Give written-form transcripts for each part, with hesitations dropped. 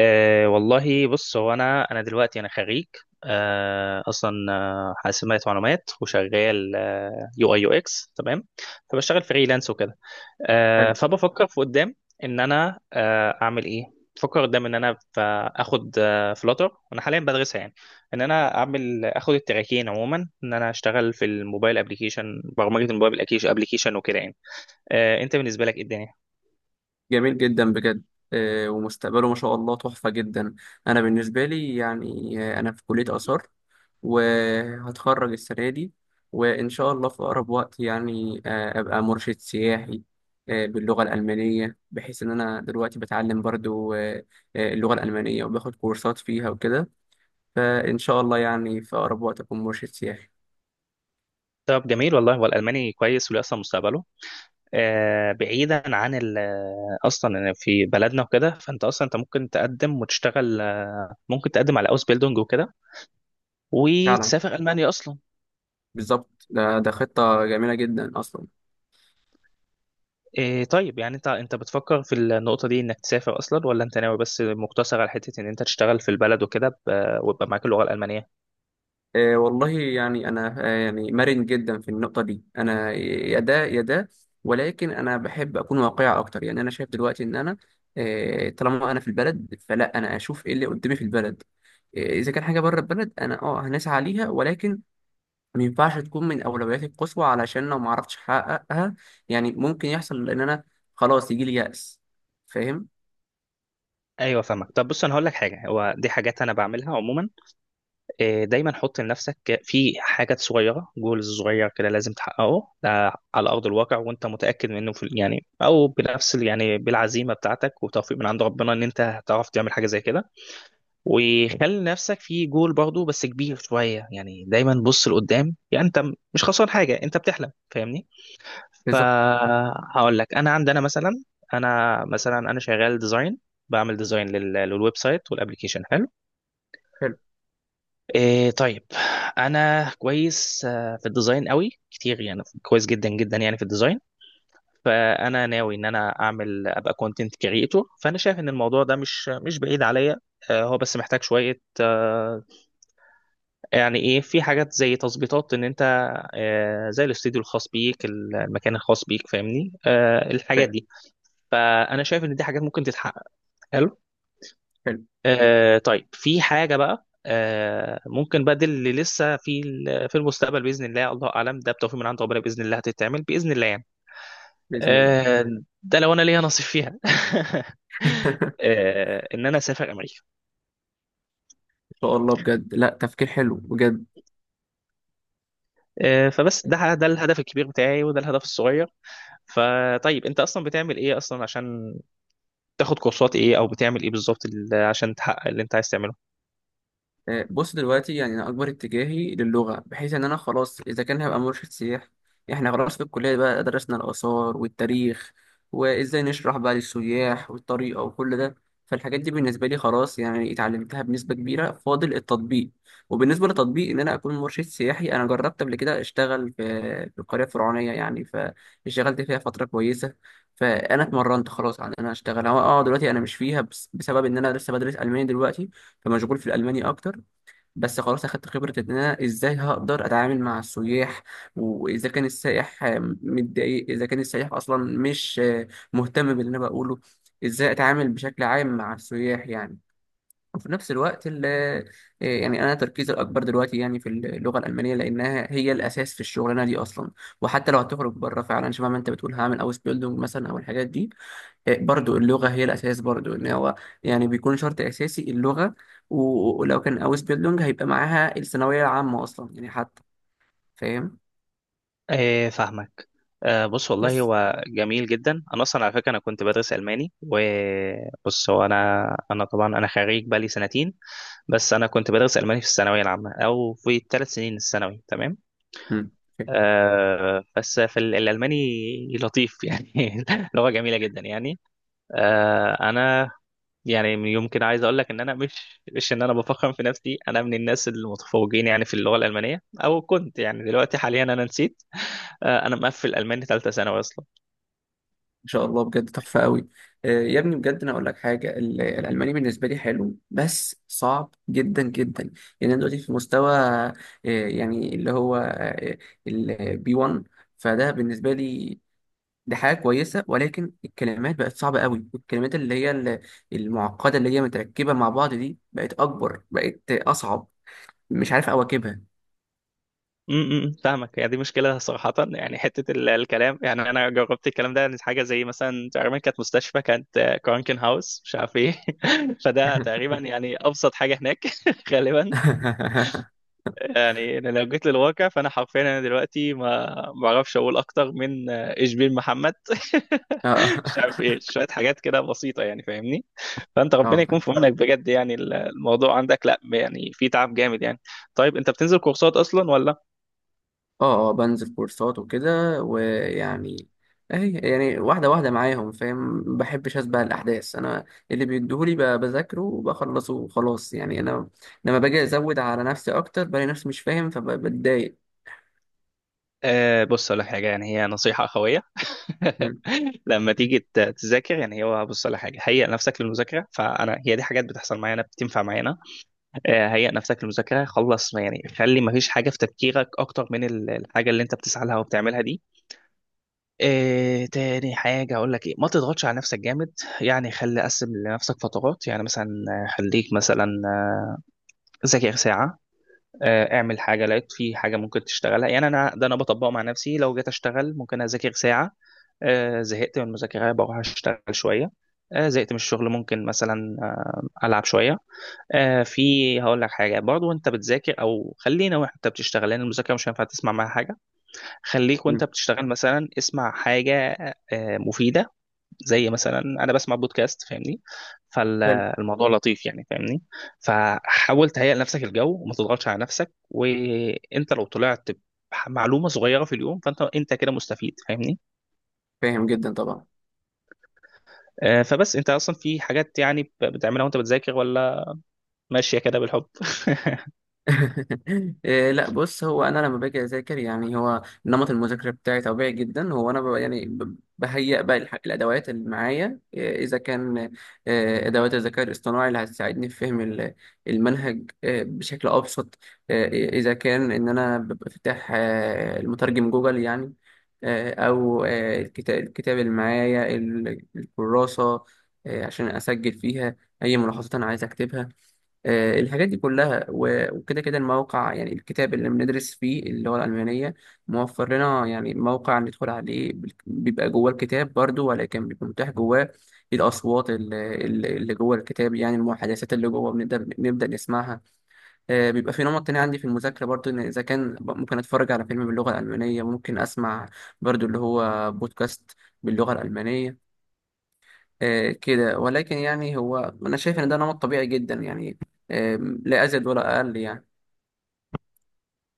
والله بص، هو انا دلوقتي انا خريج. اصلا حاسبات معلومات، وشغال يو اي يو اكس، تمام. فبشتغل فريلانس وكده. حلو. فبفكر في قدام ان انا اعمل ايه. بفكر قدام ان انا اخد فلوتر، وانا حاليا بدرسها يعني. ان انا اعمل اخد التراكين عموما، ان انا اشتغل في الموبايل ابلكيشن، برمجه الموبايل ابلكيشن وكده يعني. انت بالنسبه لك إيه الدنيا؟ جميل جدا بجد. ومستقبله ما شاء الله تحفة جدا. أنا بالنسبة لي أنا في كلية آثار وهتخرج السنة دي، وإن شاء الله في أقرب وقت أبقى مرشد سياحي باللغة الألمانية، بحيث إن أنا دلوقتي بتعلم برضو اللغة الألمانية وباخد كورسات فيها وكده. فإن شاء الله يعني في أقرب وقت أكون مرشد سياحي. طب جميل والله، والالماني كويس وليه اصلا مستقبله. بعيدا عن اصلا في بلدنا وكده، فانت اصلا انت ممكن تقدم وتشتغل، ممكن تقدم على اوس بيلدونج وكده، فعلا، وتسافر المانيا اصلا. بالظبط. ده خطة جميلة جدا أصلا. إيه طيب، يعني انت بتفكر في النقطه دي انك تسافر اصلا، ولا انت ناوي بس مقتصر على حته ان انت تشتغل في البلد وكده، ويبقى معاك اللغه الالمانيه؟ والله يعني انا يعني مرن جدا في النقطه دي، انا يا ده يا ده، ولكن انا بحب اكون واقعي اكتر. يعني انا شايف دلوقتي ان انا طالما انا في البلد فلا انا اشوف ايه اللي قدامي في البلد. اذا كان حاجه بره البلد انا هنسعى ليها، ولكن ما ينفعش تكون من اولوياتي القصوى، علشان لو ما عرفتش احققها يعني ممكن يحصل ان انا خلاص يجي لي يأس. فاهم. ايوه فاهمك. طب بص انا هقول لك حاجه، هو دي حاجات انا بعملها عموما. دايما حط لنفسك في حاجات صغيره، جولز صغير كده لازم تحققه، ده على ارض الواقع وانت متاكد منه، في يعني او بنفس يعني بالعزيمه بتاعتك وتوفيق من عند ربنا، ان انت هتعرف تعمل حاجه زي كده. وخلي نفسك في جول برضو بس كبير شويه، يعني دايما بص لقدام، يعني انت مش خسران حاجه، انت بتحلم، فاهمني؟ بالظبط. فهقول لك انا عندنا مثلا، انا مثلا انا شغال ديزاين، بعمل ديزاين للويب سايت والابلكيشن. حلو. إيه طيب، انا كويس في الديزاين قوي كتير، يعني كويس جدا جدا يعني في الديزاين. فانا ناوي ان انا اعمل ابقى كونتنت كريتور، فانا شايف ان الموضوع ده مش بعيد عليا. هو بس محتاج شوية، يعني ايه، في حاجات زي تظبيطات ان انت، زي الاستوديو الخاص بيك، المكان الخاص بيك، فاهمني؟ الحاجات فاهم. دي فانا شايف ان دي حاجات ممكن تتحقق. حلو. حلو. طيب، في حاجة بقى ممكن بقى، دي اللي لسه في في المستقبل بإذن الله، الله أعلم، ده بتوفيق من عند ربنا بإذن الله هتتعمل بإذن الله يعني. باذن الله. آه ده لو أنا ليا نصيب فيها. إن أنا أسافر أمريكا. ان شاء الله بجد، لا تفكير حلو بجد. فبس ده الهدف الكبير بتاعي، وده الهدف الصغير. فطيب، أنت أصلا بتعمل إيه أصلا، عشان تاخد كورسات إيه، أو بتعمل إيه بالظبط عشان تحقق اللي أنت عايز تعمله؟ بص دلوقتي يعني انا اكبر اتجاهي للغه، بحيث ان انا خلاص اذا كان هبقى مرشد سياحي، احنا خلاص في الكليه بقى درسنا الاثار والتاريخ وازاي نشرح بقى للسياح والطريقه وكل ده. فالحاجات دي بالنسبه لي خلاص يعني اتعلمتها بنسبه كبيره، فاضل التطبيق. وبالنسبه للتطبيق ان انا اكون مرشد سياحي، انا جربت قبل كده اشتغل في في القريه الفرعونيه يعني، فاشتغلت فيها فتره كويسه. فانا اتمرنت خلاص على ان انا اشتغل. هو دلوقتي انا مش فيها بسبب ان انا لسه بدرس الماني دلوقتي، فمشغول في الالماني اكتر. بس خلاص اخدت خبرة ان انا ازاي هقدر اتعامل مع السياح، واذا كان السائح متضايق، اذا كان السائح اصلا مش مهتم باللي انا بقوله، ازاي اتعامل بشكل عام مع السياح يعني. وفي نفس الوقت يعني انا تركيزي الاكبر دلوقتي يعني في اللغة الالمانية، لانها هي الاساس في الشغلانة دي اصلا. وحتى لو هتخرج بره فعلا شبه ما انت بتقول، هعمل اوس بيلدونج مثلا او الحاجات دي. برضو اللغة هي الأساس برضو، إن هو يعني بيكون شرط أساسي اللغة. ولو كان أوس بيلونج هيبقى معاها الثانوية العامة أصلا يعني حتى. فاهم. فاهمك. بص والله بس. هو جميل جدا، انا اصلا على فكره انا كنت بدرس الماني، وبص هو انا طبعا انا خريج بقالي سنتين. بس انا كنت بدرس الماني في الثانويه العامه، او في ثلاث سنين الثانوي، تمام. مم. بس في الالماني لطيف يعني، لغه جميله جدا يعني. انا يعني يمكن عايز اقول لك ان انا مش ان انا بفخم في نفسي، انا من الناس المتفوقين يعني في اللغه الالمانيه، او كنت يعني، دلوقتي حاليا انا نسيت. انا مقفل الماني ثالثه ثانوي اصلا. إن شاء الله بجد تحفة قوي. يا ابني بجد أنا أقول لك حاجة، الألماني بالنسبة لي حلو بس صعب جدا جدا. يعني أنا دلوقتي في مستوى يعني اللي هو البي 1، فده بالنسبة لي دي حاجة كويسة، ولكن الكلمات بقت صعبة قوي، والكلمات المعقدة اللي هي متركبة مع بعض دي بقت أكبر، بقت أصعب، مش عارف أواكبها. فاهمك، يعني دي مشكلة صراحة، يعني حتة الكلام. يعني أنا جربت الكلام ده، إن حاجة زي مثلا تقريبا كانت مستشفى، كانت كرانكن هاوس مش عارف إيه، فده تقريبا يعني أبسط حاجة هناك غالبا. يعني أنا لو جيت للواقع، فأنا حرفيا أنا دلوقتي ما بعرفش أقول أكتر من، إيش بين محمد، اه. مش عارف إيه، شوية حاجات كده بسيطة يعني، فاهمني؟ فأنت ربنا اه، يكون فاهم. في عونك بجد، يعني الموضوع عندك لا يعني، في تعب جامد يعني. طيب أنت بتنزل كورسات أصلا ولا؟ اه، بنزل كورسات وكده، ويعني اهي يعني واحدة واحدة معاهم، فاهم. ما بحبش اسبق الأحداث أنا، اللي بيديهولي بذاكره وبخلصه وخلاص يعني. أنا لما باجي أزود على نفسي أكتر بلاقي نفسي مش فاهم فبتضايق. أه بص على حاجة، يعني هي نصيحة أخوية. م- لما تيجي تذاكر، يعني هو بص على حاجة، هيئ نفسك للمذاكرة، فأنا هي دي حاجات بتحصل معانا، بتنفع معانا. أه هيئ نفسك للمذاكرة، خلص، ما يعني خلي ما فيش حاجة في تفكيرك أكتر من الحاجة اللي أنت بتسعى لها وبتعملها دي. أه تاني حاجة أقول لك إيه، ما تضغطش على نفسك جامد، يعني خلي قسم لنفسك فترات، يعني مثلا خليك مثلا، ذاكر ساعة. اعمل حاجه، لقيت في حاجه ممكن تشتغلها يعني، انا ده انا بطبقه مع نفسي، لو جيت اشتغل ممكن اذاكر ساعه، زهقت من المذاكره بروح اشتغل شويه، زهقت من الشغل ممكن مثلا العب شويه. في هقول لك حاجه برضو، وانت بتذاكر، او خلينا وانت بتشتغل، لان المذاكره مش هينفع تسمع معاها حاجه. خليك م- وانت بتشتغل مثلا اسمع حاجه مفيده، زي مثلا انا بسمع بودكاست، فاهمني؟ حلو. فالموضوع لطيف يعني، فاهمني. فحاول تهيئ لنفسك الجو، وما تضغطش على نفسك. وانت لو طلعت معلومة صغيرة في اليوم، فانت كده مستفيد، فاهمني؟ فاهم جدا طبعا. فبس انت اصلا في حاجات يعني بتعملها وانت بتذاكر، ولا ماشية كده بالحب؟ إيه، لا بص، هو انا لما باجي اذاكر يعني هو نمط المذاكره بتاعي طبيعي جدا. هو انا ببقى يعني بهيئ بقى الادوات اللي معايا. إيه، اذا كان إيه، ادوات الذكاء الاصطناعي اللي هتساعدني في فهم المنهج إيه، بشكل ابسط. إيه، اذا كان ان انا ببقى فاتح المترجم جوجل يعني، او الكتاب اللي معايا الكراسه عشان اسجل فيها اي ملاحظات انا عايز اكتبها. الحاجات دي كلها وكده كده. الموقع يعني الكتاب اللي بندرس فيه اللغة الألمانية موفر لنا يعني موقع ندخل عليه بيبقى جوه الكتاب برضو، ولكن بيبقى متاح جواه الأصوات اللي جوه الكتاب يعني، المحادثات اللي جوه بنبدأ نسمعها. بيبقى في نمط تاني عندي في المذاكرة برضو، إن إذا كان ممكن أتفرج على فيلم باللغة الألمانية، ممكن أسمع برضو اللي هو بودكاست باللغة الألمانية كده. ولكن يعني هو انا شايف ان ده نمط طبيعي جدا يعني، لا ازيد ولا اقل يعني.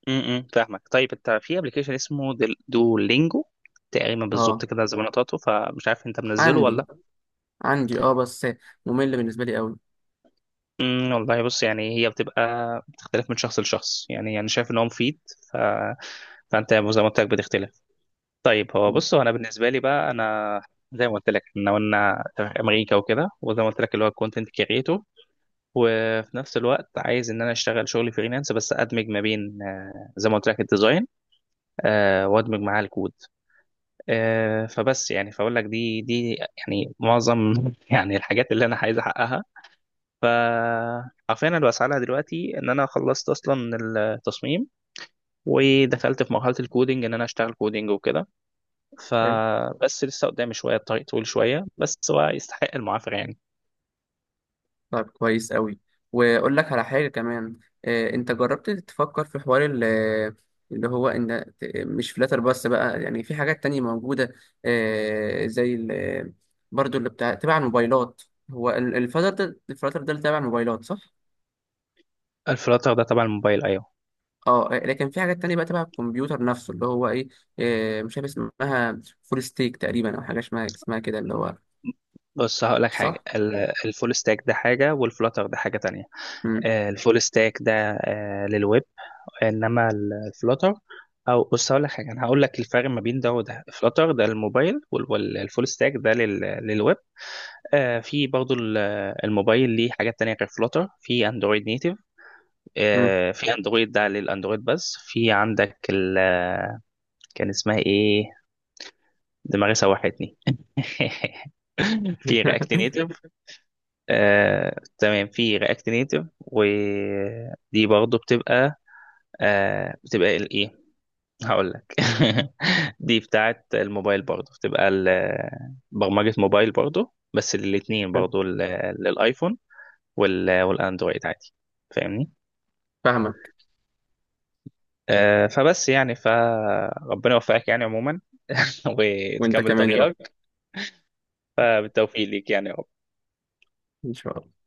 فاهمك. طيب انت في ابلكيشن اسمه دولينجو تقريبا، بالظبط اه، كده زي ما نطقته، فمش عارف انت منزله عندي. ولا؟ عندي بس ممل بالنسبه لي قوي. والله بص، يعني هي بتبقى بتختلف من شخص لشخص، يعني انا شايف ان هو مفيد. ف... فانت زي ما قلت لك بتختلف. طيب هو م، بص، هو انا بالنسبه لي بقى، انا زي ما قلت لك احنا قلنا امريكا وكده، وزي ما قلت لك اللي هو الكونتنت كريتور. وفي نفس الوقت عايز ان انا اشتغل شغل فريلانس، بس ادمج ما بين، زي ما قلت لك الديزاين، وادمج معاه الكود. فبس يعني فاقول لك دي يعني معظم يعني الحاجات اللي انا عايز احققها. ف حرفيا انا بسعى دلوقتي، ان انا خلصت اصلا التصميم، ودخلت في مرحله الكودينج، ان انا اشتغل كودينج وكده. حلو. فبس لسه قدامي شويه، الطريق طويل شويه، بس هو يستحق المعافره يعني. طيب كويس قوي. واقول لك على حاجه كمان. انت جربت تفكر في حوار اللي هو ان مش فلاتر بس بقى، يعني في حاجات تانية موجوده زي برضو اللي بتاع تبع الموبايلات. هو الفلاتر ده اللي تبع الموبايلات، صح؟ الفلاتر ده تبع الموبايل، ايوه. اه، لكن في حاجات تانية بقى تبع الكمبيوتر نفسه، اللي هو ايه، مش عارف اسمها، فول ستيك تقريبا، او حاجه اسمها كده اللي هو، بص هقول لك حاجه، صح؟ الفول ستاك ده حاجه، والفلاتر ده حاجه تانية. مم. الفول ستاك ده للويب، انما الفلاتر، او بص هقول لك حاجه، انا هقول لك الفرق ما بين ده وده. الفلاتر ده للموبايل، والفول ستاك ده للويب. في برضو الموبايل ليه حاجات تانية غير فلوتر، في اندرويد نيتيف. مم. في اندرويد ده للاندرويد بس، في عندك ال آه، كان اسمها ايه، دماغي سوحتني، في رياكت نيتيف. تمام، في رياكت نيتيف ودي برضو بتبقى بتبقى الايه، هقول لك. دي بتاعت الموبايل برضو، بتبقى برمجة موبايل برضو، بس الاثنين برضو للايفون والاندرويد عادي، فاهمني؟ فاهمك. فبس يعني، فربنا يوفقك يعني عموما، وانت وتكمل كمان يا رب، طريقك. بالتوفيق ليك يعني. ان شاء الله.